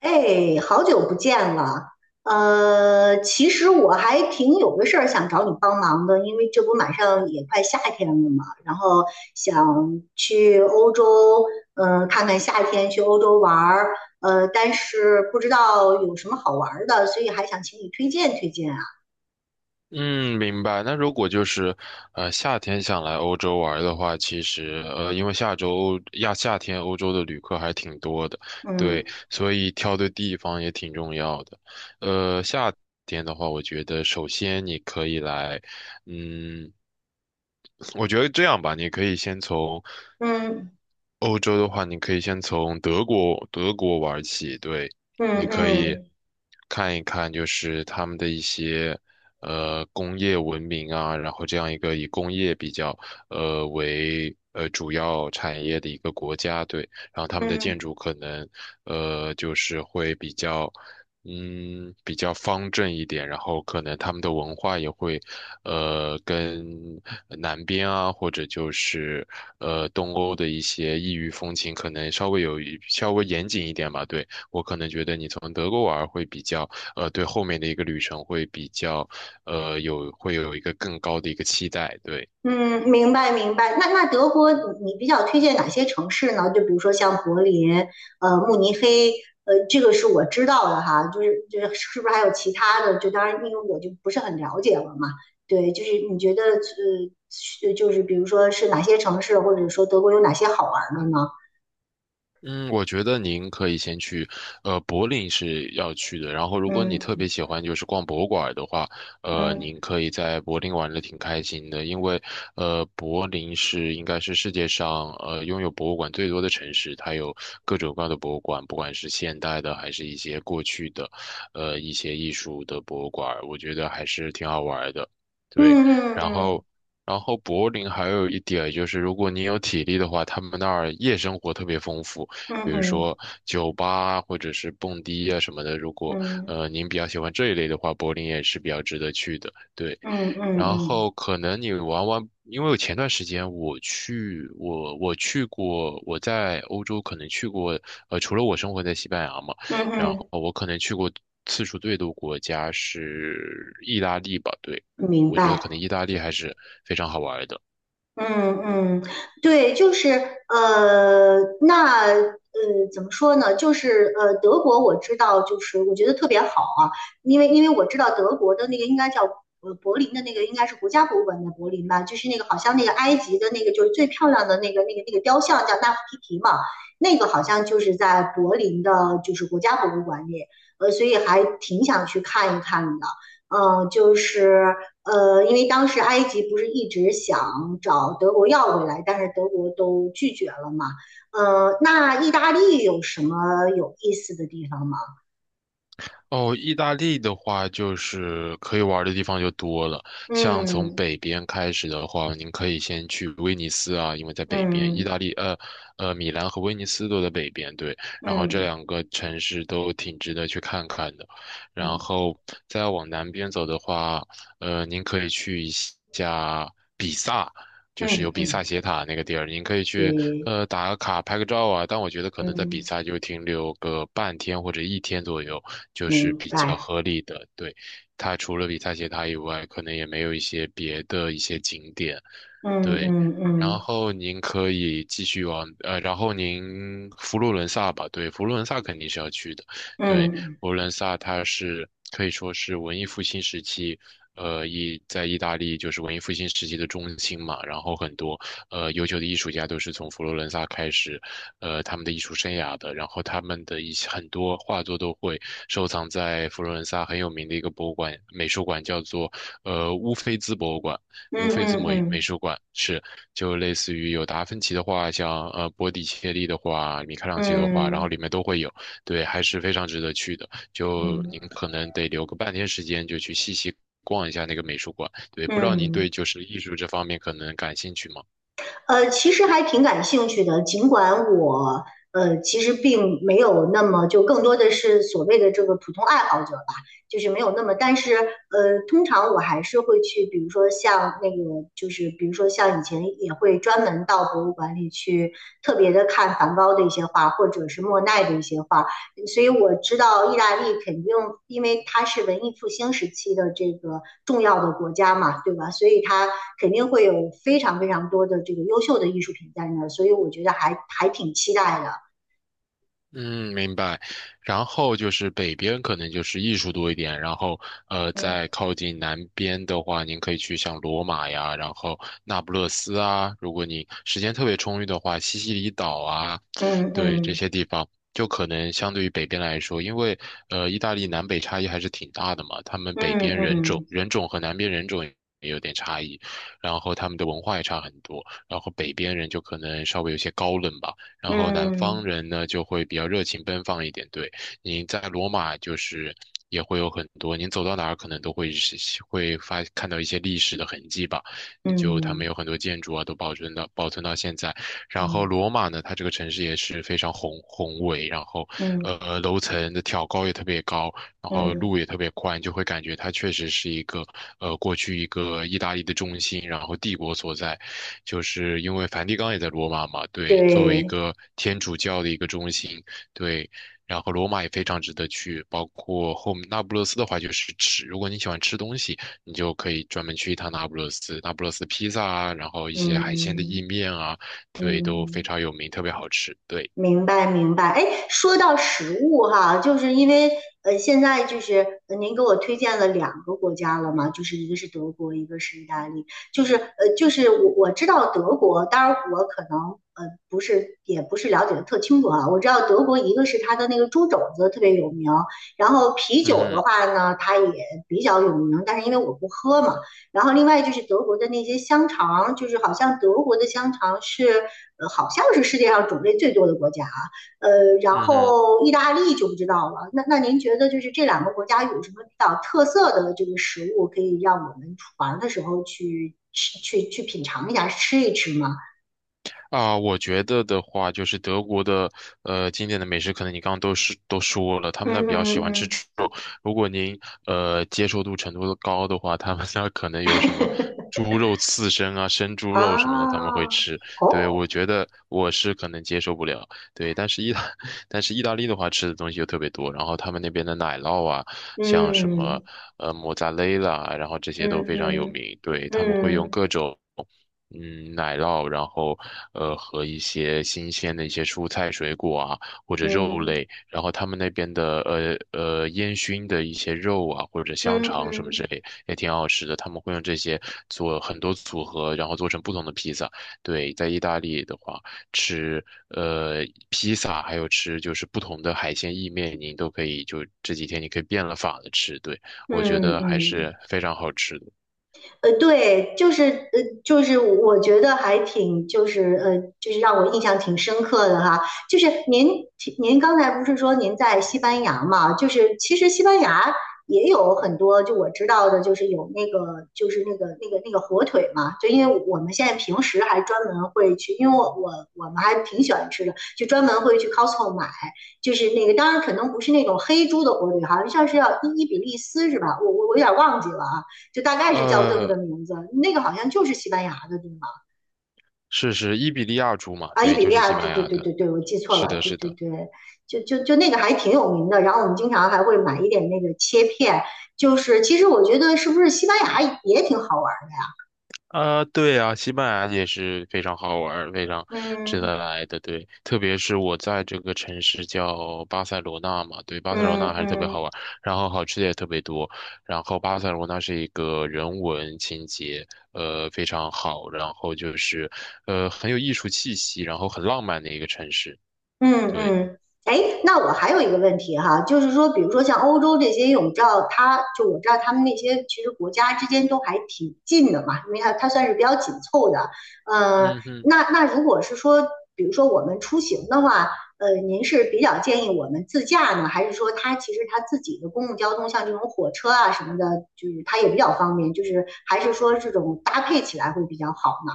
哎，好久不见了。其实我还挺有个事儿想找你帮忙的，因为这不马上也快夏天了嘛，然后想去欧洲，看看夏天去欧洲玩儿，但是不知道有什么好玩儿的，所以还想请你推荐推荐啊。嗯，明白。那如果就是，夏天想来欧洲玩儿的话，其实，因为下周亚夏天欧洲的旅客还挺多的，嗯对，所以挑对地方也挺重要的。夏天的话，我觉得首先你可以来，嗯，我觉得这样吧，你可以先从嗯欧洲的话，你可以先从德国玩起，对，嗯你可以嗯看一看，就是他们的一些工业文明啊，然后这样一个以工业比较为主要产业的一个国家，对，然后他们的建嗯筑可能就是会比较。嗯，比较方正一点，然后可能他们的文化也会，呃，跟南边啊，或者就是东欧的一些异域风情，可能稍微有一稍微严谨一点吧。对，我可能觉得你从德国玩儿会比较，呃，对后面的一个旅程会比较，会有一个更高的一个期待。对。嗯，明白明白。那德国你比较推荐哪些城市呢？就比如说像柏林、慕尼黑，这个是我知道的哈。就是是不是还有其他的？就当然因为我就不是很了解了嘛。对，就是你觉得是就是比如说是哪些城市，或者说德国有哪些好玩的呢？嗯，我觉得您可以先去，呃，柏林是要去的。然后，如果你特别嗯喜欢就是逛博物馆的话，嗯您可以在柏林玩的挺开心的，因为，柏林是应该是世界上拥有博物馆最多的城市，它有各种各样的博物馆，不管是现代的还是一些过去的，一些艺术的博物馆，我觉得还是挺好玩的。对，嗯然嗯后。然后柏林还有一点就是，如果你有体力的话，他们那儿夜生活特别丰富。嗯比如说嗯酒吧啊或者是蹦迪啊什么的。如果嗯您比较喜欢这一类的话，柏林也是比较值得去的。对，嗯嗯然嗯后可能你玩玩，因为我前段时间我去过，我在欧洲可能去过，除了我生活在西班牙嘛，嗯然后嗯，我可能去过次数最多国家是意大利吧，对。嗯明我觉得可白。能意大利还是非常好玩的。嗯嗯，对，就是那怎么说呢？就是德国我知道，就是我觉得特别好啊，因为我知道德国的那个应该叫柏林的那个应该是国家博物馆的柏林吧，就是那个好像那个埃及的那个就是最漂亮的那个雕像叫纳夫提提嘛，那个好像就是在柏林的，就是国家博物馆里，所以还挺想去看一看的。就是因为当时埃及不是一直想找德国要回来，但是德国都拒绝了嘛。那意大利有什么有意思的地方吗？哦，意大利的话，就是可以玩儿的地方就多了。像从嗯北边开始的话，您可以先去威尼斯啊，因为在北边，意嗯大利呃呃米兰和威尼斯都在北边，对。然后这嗯两个城市都挺值得去看看的。然嗯后再往南边走的话，呃，您可以去一下比萨，就是有嗯比萨嗯，斜塔那个地儿，你可以去对，打个卡拍个照啊。但我觉得可能在比嗯，萨就停留个半天或者一天左右，就是明比较白。合理的。对，它除了比萨斜塔以外，可能也没有一些别的一些景点。嗯对，嗯然嗯后您可以继续往呃，然后您佛罗伦萨吧，对，佛罗伦萨肯定是要去的，对，嗯佛罗伦萨它是可以说是文艺复兴时期，呃，意大利就是文艺复兴时期的中心嘛，然后很多优秀的艺术家都是从佛罗伦萨开始，呃，他们的艺术生涯的，然后他们的一些很多画作都会收藏在佛罗伦萨很有名的一个博物馆美术馆，叫做乌菲兹博物馆。嗯无非字嗯母美嗯术馆是，就类似于有达芬奇的画像，呃，波提切利的画，米开朗基罗的画，然后嗯里面都会有，对，还是非常值得去的。嗯嗯就嗯。嗯您嗯可能得留个半天时间，就去细细逛一下那个美术馆。对，不知道您对嗯就是艺术这方面可能感兴趣吗？其实还挺感兴趣的，尽管我其实并没有那么就更多的是所谓的这个普通爱好者吧，就是没有那么，但是通常我还是会去，比如说像以前也会专门到博物馆里去特别的看梵高的一些画，或者是莫奈的一些画，所以我知道意大利肯定，因为它是文艺复兴时期的这个重要的国家嘛，对吧？所以它肯定会有非常非常多的这个优秀的艺术品在那儿，所以我觉得还挺期待的。嗯，明白。然后就是北边可能就是艺术多一点，然后呃，在嗯靠近南边的话，您可以去像罗马呀，然后那不勒斯啊，如果你时间特别充裕的话，西西里岛啊，嗯对这嗯些地方，就可能相对于北边来说，因为呃，意大利南北差异还是挺大的嘛，他们嗯北边人种嗯人种和南边人种也有点差异，然后他们的文化也差很多，然后北边人就可能稍微有些高冷吧。然后南方嗯人呢就会比较热情奔放一点。对，您在罗马就是也会有很多，您走到哪儿可能都会是看到一些历史的痕迹吧。就他们嗯有很多建筑啊，都保存到现在。然后嗯罗马呢，它这个城市也是非常宏伟，然后嗯楼层的挑高也特别高，然后嗯，路也特别宽，就会感觉它确实是一个过去一个意大利的中心，然后帝国所在。就是因为梵蒂冈也在罗马嘛，对，作为一对，个天主教的一个中心，对，然后罗马也非常值得去，包括后面那不勒斯的话就是吃，如果你喜欢吃东西，你就可以专门去一趟那不勒斯，那不勒斯披萨啊，然后一些海鲜的意嗯面啊，对，都非嗯。常有名，特别好吃，对，明白明白，哎，说到食物哈，就是因为现在就是您给我推荐了两个国家了嘛，就是一个是德国，一个是意大利，就是就是我知道德国，当然我可能呃不是也不是了解的特清楚啊，我知道德国一个是它的那个猪肘子特别有名，然后啤嗯酒的哼，话呢，它也比较有名，但是因为我不喝嘛，然后另外就是德国的那些香肠，就是好像德国的香肠是，好像是世界上种类最多的国家啊。呃，然嗯哼。后意大利就不知道了。那您觉得就是这两个国家有什么比较特色的这个食物，可以让我们出玩的时候去吃、去品尝一下、吃一吃吗？啊，我觉得的话，就是德国的经典的美食，可能你刚刚都说了，他们嗯那比较喜嗯欢吃嗯，猪肉。如果您接受度程度高的话，他们那可能有什么 猪肉刺身啊、生猪肉什么的，他们啊，会吃。对，哦，我觉得我是可能接受不了。对，但是意大 但是意大利的话，吃的东西又特别多，然后他们那边的奶酪啊，像什么莫扎雷拉啊，然后这些都嗯非常有嗯名。对，他们会用嗯各种。嗯，奶酪，然后和一些新鲜的一些蔬菜、水果啊，或者肉嗯类，然后他们那边的烟熏的一些肉啊，或者香嗯嗯嗯肠嗯什么之嗯。类，也挺好吃的。他们会用这些做很多组合，然后做成不同的披萨。对，在意大利的话，吃呃披萨，还有吃就是不同的海鲜意面，你都可以就这几天你可以变了法的吃。对，我觉嗯嗯得还嗯是非常好吃的。对，就是就是我觉得还挺，就是就是让我印象挺深刻的哈。就是您刚才不是说您在西班牙嘛？就是其实西班牙也有很多，就我知道的，就是有那个就是那个火腿嘛。就因为我们现在平时还专门会去，因为我们还挺喜欢吃的，就专门会去 Costco 买，就是那个当然可能不是那种黑猪的火腿，好像像是要伊比利斯是吧？我有点忘记了啊。就大概是叫这么个呃，名字。那个好像就是西班牙的地方是伊比利亚猪嘛？啊，伊对，比就利是西亚，对班对牙对的。对对，我记错是了，的，对是对的。对，就那个还挺有名的。然后我们经常还会买一点那个切片，就是其实我觉得是不是西班牙也挺好玩的？啊、对啊，西班牙也是非常好玩儿非常值嗯得来的。对，特别是我在这个城市叫巴塞罗那嘛，对，巴塞罗那嗯还是特别好嗯，玩儿然后好吃的也特别多。然后巴塞罗那是一个人文情节，呃，非常好，然后就是，呃，很有艺术气息，然后很浪漫的一个城市。嗯对，嗯，哎，那我还有一个问题哈，就是说，比如说像欧洲这些，因为我们知道它，就我知道他们那些其实国家之间都还挺近的嘛，因为它算是比较紧凑的。呃，嗯哼。那如果是说，比如说我们出行的话，您是比较建议我们自驾呢，还是说它其实它自己的公共交通，像这种火车啊什么的，就是它也比较方便，就是还是说这种搭配起来会比较好呢？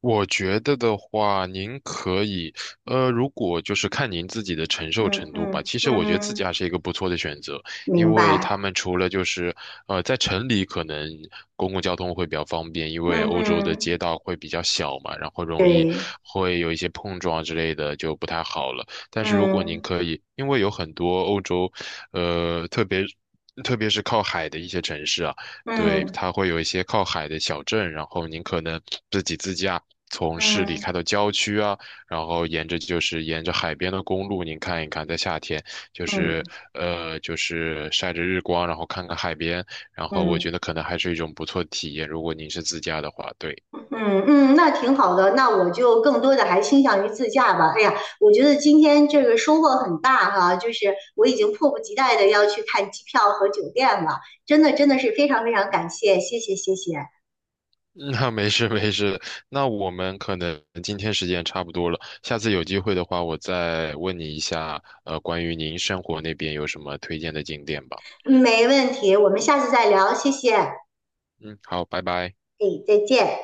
我觉得的话，您可以，呃，如果就是看您自己的承受嗯程度吧。嗯其实嗯我觉得自嗯，驾是一个不错的选择，因明为白。他们除了就是，呃，在城里可能公共交通会比较方便，因为嗯欧洲的街嗯。道会比较小嘛，然后容易对，会有一些碰撞之类的，就不太好了。但是如果您嗯可以，因为有很多欧洲，呃，特别是靠海的一些城市啊。对，嗯它会有一些靠海的小镇，然后您可能自己自驾从市里开嗯到郊区啊，然后沿着海边的公路，您看一看，在夏天就是嗯晒着日光，然后看看海边，然后我觉嗯得可能还是一种不错的体验，如果您是自驾的话，对。嗯嗯，那挺好的。那我就更多的还倾向于自驾吧。哎呀，我觉得今天这个收获很大哈，就是我已经迫不及待的要去看机票和酒店了。真的真的是非常非常感谢，谢谢谢谢，那没事没事，那我们可能今天时间差不多了，下次有机会的话，我再问你一下，呃，关于您生活那边有什么推荐的景点吧。没问题，我们下次再聊，谢谢，哎，嗯，好，拜拜。再见。